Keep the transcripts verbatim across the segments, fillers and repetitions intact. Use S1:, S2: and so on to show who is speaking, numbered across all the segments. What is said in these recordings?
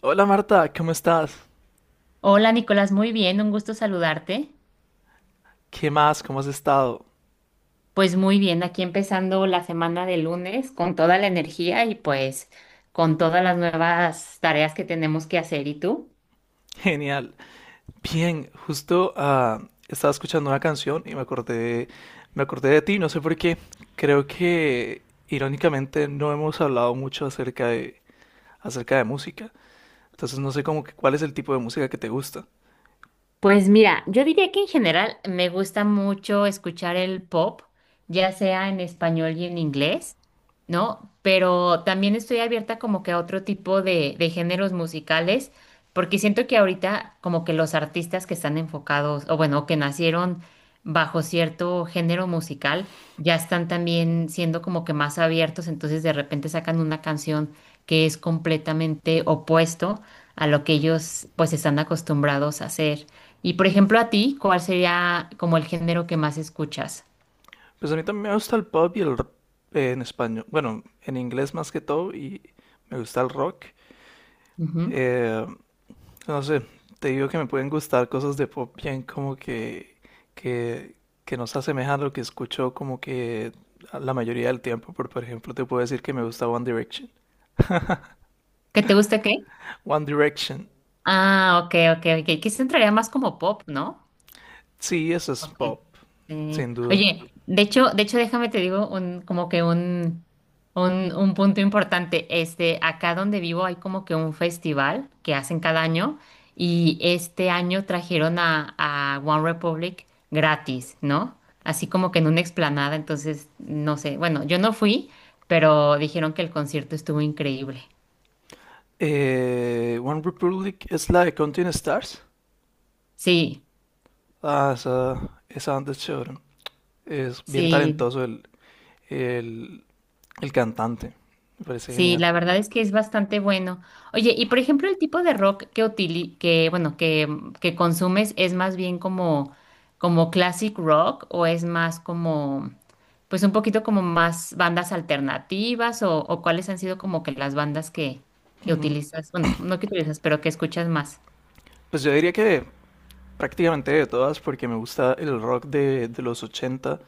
S1: Hola Marta, ¿cómo estás?
S2: Hola Nicolás, muy bien, un gusto saludarte.
S1: ¿Qué más? ¿Cómo has estado?
S2: Pues muy bien, aquí empezando la semana de lunes con toda la energía y pues con todas las nuevas tareas que tenemos que hacer. ¿Y tú?
S1: Genial. Bien, justo ah, estaba escuchando una canción y me acordé, me acordé de ti, no sé por qué. Creo que irónicamente no hemos hablado mucho acerca de, acerca de música. Entonces no sé como que cuál es el tipo de música que te gusta.
S2: Pues mira, yo diría que en general me gusta mucho escuchar el pop, ya sea en español y en inglés, ¿no? Pero también estoy abierta como que a otro tipo de, de géneros musicales, porque siento que ahorita como que los artistas que están enfocados, o bueno, que nacieron bajo cierto género musical, ya están también siendo como que más abiertos, entonces de repente sacan una canción que es completamente opuesto a lo que ellos pues están acostumbrados a hacer. Y por ejemplo, a ti, ¿cuál sería como el género que más escuchas?
S1: Pues a mí también me gusta el pop y el rock en español. Bueno, en inglés más que todo y me gusta el rock.
S2: Ujú.
S1: Eh, No sé, te digo que me pueden gustar cosas de pop bien como que, que, que no se asemejan a lo que escucho como que a la mayoría del tiempo. Por, por ejemplo, te puedo decir que me gusta One Direction.
S2: ¿Que te gusta qué?
S1: One Direction,
S2: Ah, ok, ok, ok. Que se entraría más como pop, ¿no?
S1: sí, eso es
S2: Ok.
S1: pop,
S2: Eh,
S1: sin duda.
S2: oye, de hecho, de hecho, déjame te digo un, como que un, un, un punto importante. Este, acá donde vivo hay como que un festival que hacen cada año y este año trajeron a, a One Republic gratis, ¿no? Así como que en una explanada, entonces, no sé. Bueno, yo no fui, pero dijeron que el concierto estuvo increíble.
S1: Eh, One Republic es la de Counting Stars.
S2: Sí,
S1: Ah, esa, esa banda es chévere. Es bien
S2: sí.
S1: talentoso el, el, el cantante. Me parece
S2: Sí,
S1: genial.
S2: la verdad es que es bastante bueno. Oye, y por ejemplo, el tipo de rock que utili que bueno, que, mm, que consumes es más bien como como classic rock o es más como pues un poquito como más bandas alternativas o, o cuáles han sido como que las bandas que que utilizas, bueno, no que utilizas, pero que escuchas más.
S1: Pues yo diría que prácticamente de todas porque me gusta el rock de, de los ochenta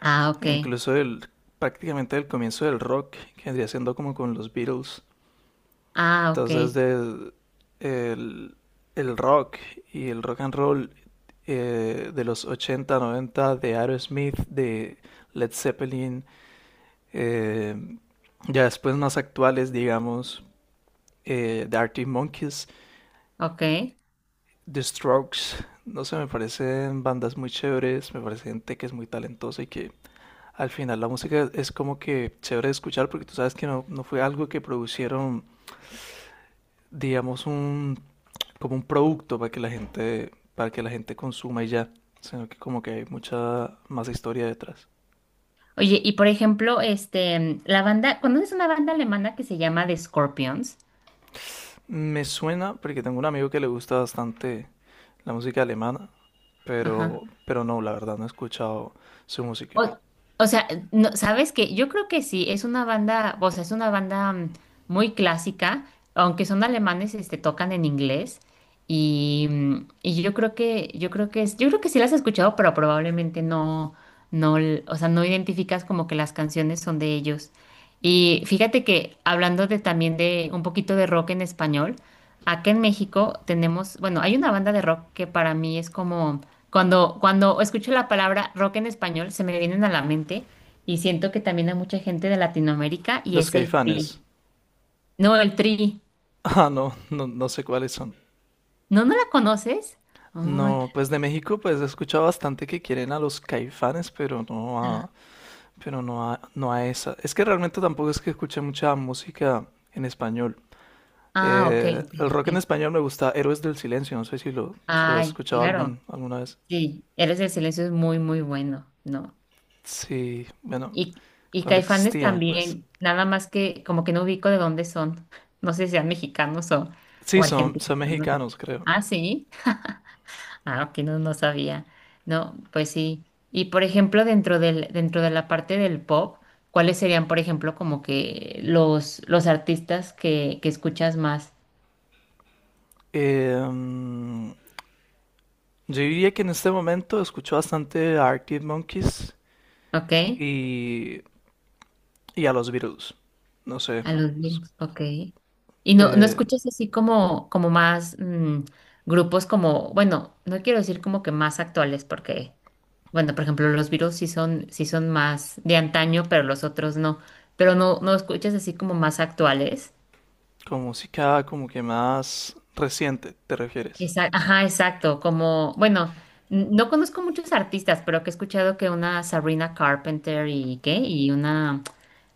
S2: Ah, ok.
S1: e incluso del, prácticamente del comienzo del rock, que vendría siendo como con los Beatles.
S2: Ah, ok.
S1: Entonces, de, el, el rock y el rock and roll eh, de los ochenta noventa de Aerosmith, de Led Zeppelin, eh, ya después más actuales, digamos, eh, de Arctic Monkeys,
S2: Ok.
S1: The Strokes, no sé, me parecen bandas muy chéveres, me parece gente que es muy talentosa y que al final la música es como que chévere de escuchar porque tú sabes que no, no fue algo que producieron, digamos, un, como un producto para que la gente, para que la gente consuma y ya, sino que como que hay mucha más historia detrás.
S2: Oye, y por ejemplo, este, mm, la banda, ¿conoces una banda alemana que se llama The Scorpions?
S1: Me suena porque tengo un amigo que le gusta bastante la música alemana, pero,
S2: Ajá.
S1: pero no, la verdad no he escuchado su música.
S2: O, o sea, no, ¿sabes qué? Yo creo que sí, es una banda, o sea, es una banda mm, muy clásica, aunque son alemanes, este, tocan en inglés y, mm, y yo creo que, yo creo que es, yo creo que sí las has escuchado, pero probablemente no, no, l- o sea, no identificas como que las canciones son de ellos. Y fíjate que hablando de también de un poquito de rock en español, acá en México tenemos, bueno, hay una banda de rock que para mí es como cuando, cuando escucho la palabra rock en español, se me vienen a la mente y siento que también hay mucha gente de Latinoamérica y
S1: Los
S2: es el
S1: Caifanes.
S2: Tri. No, el Tri.
S1: Ah, no, no, no sé cuáles son.
S2: ¿No, no la conoces? Ay,
S1: No, pues de México pues he escuchado bastante que quieren a los Caifanes, pero no
S2: ala.
S1: a, pero no a, no a esa. Es que realmente tampoco es que escuche mucha música en español.
S2: Ah, ok,
S1: Eh,
S2: ok,
S1: el rock en
S2: ok.
S1: español me gusta Héroes del Silencio, no sé si lo, si los has
S2: Ay,
S1: escuchado
S2: claro.
S1: algún, alguna vez.
S2: Sí, Eres del Silencio es muy, muy bueno, ¿no?
S1: Sí, bueno,
S2: Y, y
S1: cuando
S2: Caifanes
S1: existían, pues.
S2: también, nada más que como que no ubico de dónde son. No sé si sean mexicanos o,
S1: Sí,
S2: o
S1: son,
S2: argentinos,
S1: son
S2: no sé.
S1: mexicanos, creo.
S2: Ah, sí. Ah, ok, no, no sabía. No, pues sí. Y por ejemplo, dentro del, dentro de la parte del pop, ¿cuáles serían, por ejemplo, como que los, los artistas que, que escuchas más?
S1: Eh, mm, yo diría que en este momento escucho bastante a Arctic Monkeys
S2: ¿Ok?
S1: y, y a los Beatles. No sé,
S2: A los
S1: pues,
S2: Beatles, ok. Y no, no
S1: eh,
S2: escuchas así como, como más mm, grupos como, bueno, no quiero decir como que más actuales, porque, bueno, por ejemplo, los Beatles sí son, sí son más de antaño, pero los otros no. Pero no, no escuchas así como más actuales.
S1: con música como que más reciente, ¿te refieres?
S2: Exa- ajá, exacto. Como, bueno, n- no conozco muchos artistas, pero que he escuchado que una Sabrina Carpenter y qué, y una,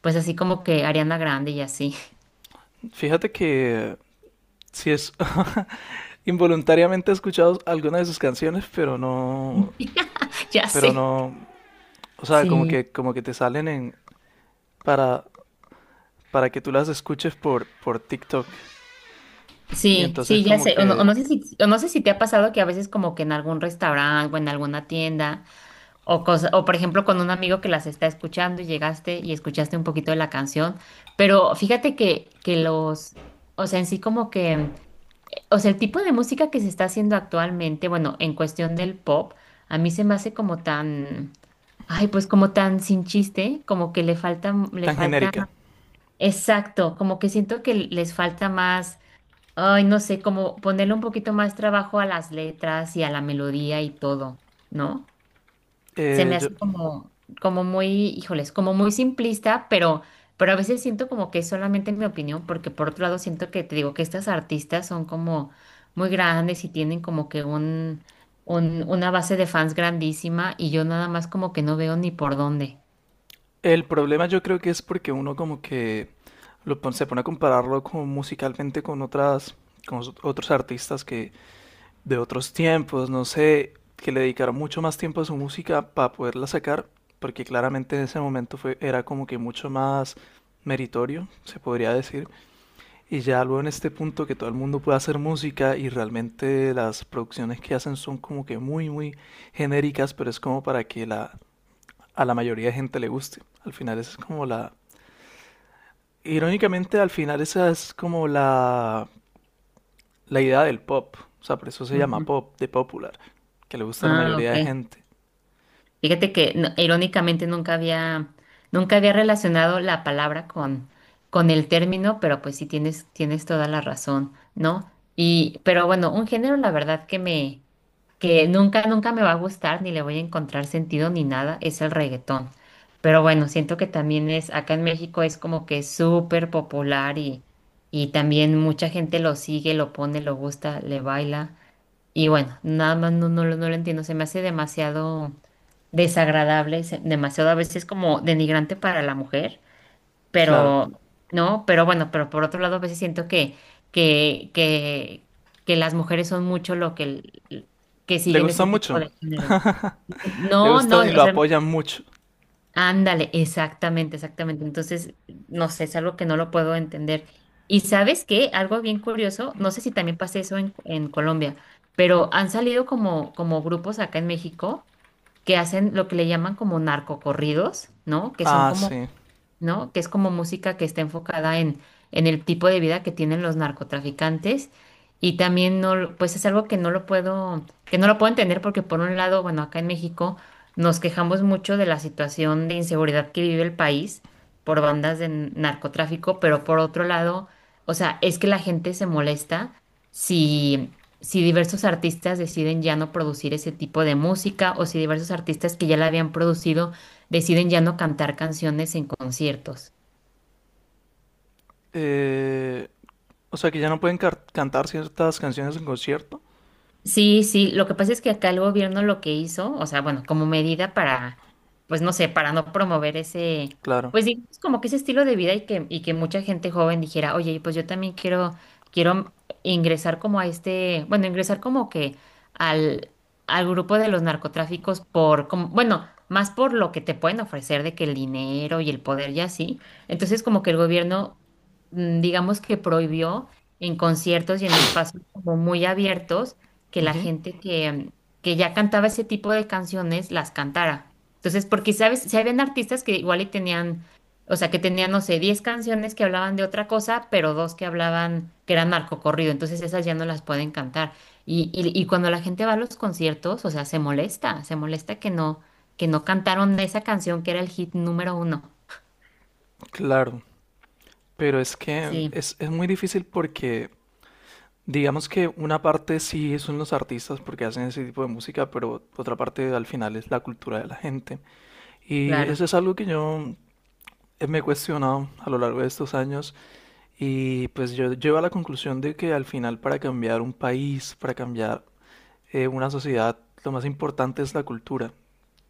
S2: pues así como que Ariana Grande y así.
S1: Fíjate que sí es involuntariamente he escuchado algunas de sus canciones, pero no,
S2: Ya
S1: pero
S2: sé.
S1: no, o sea, como
S2: Sí.
S1: que, como que te salen en, para, para que tú las escuches por, por TikTok. Y
S2: Sí,
S1: entonces
S2: sí, ya
S1: como
S2: sé. O no, o
S1: que
S2: no sé si, o no sé si te ha pasado que a veces como que en algún restaurante o en alguna tienda o cosa, o por ejemplo con un amigo que las está escuchando y llegaste y escuchaste un poquito de la canción, pero fíjate que, que los, o sea, en sí como que. O sea, el tipo de música que se está haciendo actualmente, bueno, en cuestión del pop, a mí se me hace como tan, ay, pues como tan sin chiste, como que le falta, le
S1: tan
S2: falta,
S1: genérica.
S2: exacto, como que siento que les falta más, ay, no sé, como ponerle un poquito más trabajo a las letras y a la melodía y todo, ¿no? Se
S1: Eh,
S2: me
S1: yo-
S2: hace como, como muy, híjoles, como muy simplista, pero, pero a veces siento como que es solamente mi opinión, porque por otro lado siento que te digo que estas artistas son como muy grandes y tienen como que un, un, una base de fans grandísima y yo nada más como que no veo ni por dónde.
S1: el problema yo creo que es porque uno como que lo, pon- se pone a compararlo como musicalmente con otras, con os- otros artistas que, de otros tiempos, no sé, que le dedicaron mucho más tiempo a su música para poderla sacar, porque claramente en ese momento fue, era como que mucho más meritorio, se podría decir, y ya luego en este punto que todo el mundo puede hacer música y realmente las producciones que hacen son como que muy, muy genéricas, pero es como para que la, a la mayoría de gente le guste. Al final esa es como la... Irónicamente, al final esa es como la la idea del pop. O sea, por eso se llama
S2: Ujú.
S1: pop, de popular, que le gusta a la
S2: Ah,
S1: mayoría
S2: ok.
S1: de gente.
S2: Fíjate que no- irónicamente nunca había, nunca había relacionado la palabra con, con, el término, pero pues sí tienes, tienes toda la razón, ¿no? Y, pero bueno, un género, la verdad que me, que nunca, nunca me va a gustar, ni le voy a encontrar sentido ni nada, es el reggaetón. Pero bueno, siento que también es, acá en México es como que súper popular y, y también mucha gente lo sigue, lo pone, lo gusta, le baila. Y bueno, nada más no, no, lo- no lo entiendo, se me hace demasiado desagradable, se- demasiado a veces como denigrante para la mujer,
S1: Claro,
S2: pero no, pero bueno, pero por otro lado a veces siento que que que que las mujeres son mucho lo que el- que
S1: le
S2: siguen
S1: gusta
S2: ese tipo
S1: mucho,
S2: de género.
S1: le
S2: No, no,
S1: gusta y
S2: o
S1: lo
S2: sea,
S1: apoyan mucho.
S2: ándale, exactamente, exactamente. Entonces, no sé, es algo que no lo puedo entender. Y sabes qué, algo bien curioso, no sé si también pasa eso en, en, Colombia, pero han salido como, como grupos acá en México que hacen lo que le llaman como narcocorridos, ¿no? Que son
S1: Ah,
S2: como,
S1: sí.
S2: ¿no? Que es como música que está enfocada en, en el tipo de vida que tienen los narcotraficantes. Y también no, lo- pues es algo que no lo puedo, que no lo puedo entender porque por un lado, bueno, acá en México nos quejamos mucho de la situación de inseguridad que vive el país por bandas de n- narcotráfico, pero por otro lado, o sea, es que la gente se molesta si, si diversos artistas deciden ya no producir ese tipo de música o si diversos artistas que ya la habían producido deciden ya no cantar canciones en conciertos.
S1: Eh, o sea, que ya no pueden car- cantar ciertas canciones en concierto.
S2: Sí, sí, lo que pasa es que acá el gobierno lo que hizo, o sea, bueno, como medida para, pues no sé, para no promover ese,
S1: Claro,
S2: pues digamos como que ese estilo de vida y que, y que mucha gente joven dijera, oye, pues yo también quiero, quiero ingresar como a este, bueno, ingresar como que al, al grupo de los narcotráficos por, como, bueno, más por lo que te pueden ofrecer de que el dinero y el poder y así. Entonces como que el gobierno, mm, digamos que prohibió en conciertos y en espacios como muy abiertos que la gente que, que ya cantaba ese tipo de canciones las cantara. Entonces, porque, ¿sabes? Si habían artistas que igual y tenían, o sea, que tenían, no sé, diez canciones que hablaban de otra cosa, pero dos que hablaban, que eran narcocorrido, entonces esas ya no las pueden cantar. Y, y, y cuando la gente va a los conciertos, o sea, se molesta, se molesta que no, que no, cantaron esa canción que era el hit número uno.
S1: claro. Pero es que
S2: Sí,
S1: es, es muy difícil porque, digamos que una parte sí son los artistas porque hacen ese tipo de música, pero otra parte al final es la cultura de la gente. Y
S2: claro,
S1: eso es algo que yo eh, me he cuestionado a lo largo de estos años. Y pues yo llego a la conclusión de que al final para cambiar un país, para cambiar eh, una sociedad, lo más importante es la cultura,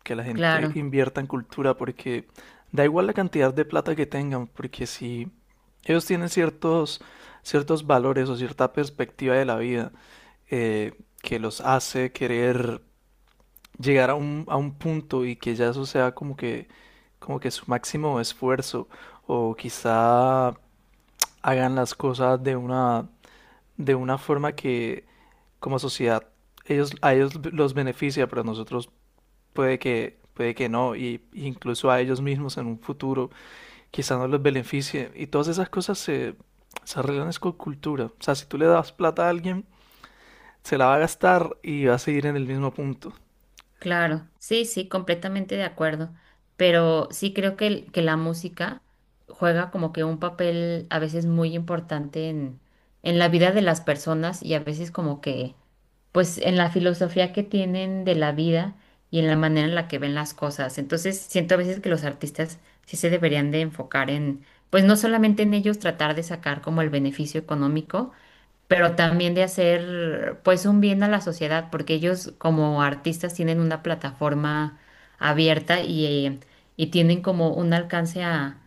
S1: que la gente
S2: claro.
S1: invierta en cultura porque da igual la cantidad de plata que tengan, porque si ellos tienen ciertos, ciertos valores o cierta perspectiva de la vida eh, que los hace querer llegar a un, a un punto y que ya eso sea como que, como que su máximo esfuerzo o quizá hagan las cosas de una, de una forma que como sociedad ellos, a ellos los beneficia, pero a nosotros puede que, puede que no, y y incluso a ellos mismos en un futuro quizá no los beneficie. Y todas esas cosas se, se arreglan es con cultura. O sea, si tú le das plata a alguien, se la va a gastar y va a seguir en el mismo punto.
S2: Claro, sí, sí, completamente de acuerdo. Pero sí creo que, el- que la música juega como que un papel a veces muy importante en, en la vida de las personas y a veces como que, pues en la filosofía que tienen de la vida y en la manera en la que ven las cosas. Entonces siento a veces que los artistas sí se deberían de enfocar en, pues no solamente en ellos tratar de sacar como el beneficio económico, pero también de hacer pues un bien a la sociedad, porque ellos como artistas tienen una plataforma abierta y, eh, y tienen como un alcance a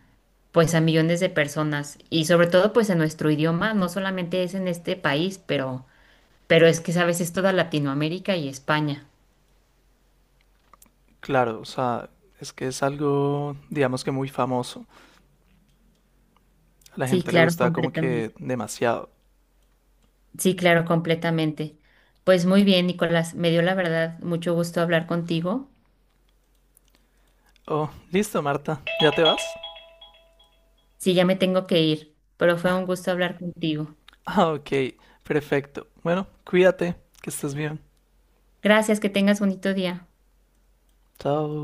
S2: pues a millones de personas y sobre todo pues en nuestro idioma, no solamente es en este país, pero pero es que sabes, es toda Latinoamérica y España.
S1: Claro, o sea, es que es algo, digamos que muy famoso. A la
S2: Sí,
S1: gente le
S2: claro,
S1: gusta como que
S2: completamente.
S1: demasiado.
S2: Sí, claro, completamente. Pues muy bien, Nicolás, me dio la verdad mucho gusto hablar contigo.
S1: Oh, listo, Marta, ¿ya te vas?
S2: Sí, ya me tengo que ir, pero fue un gusto hablar contigo.
S1: Ah, ok, perfecto. Bueno, cuídate, que estés bien.
S2: Gracias, que tengas bonito día.
S1: Chao.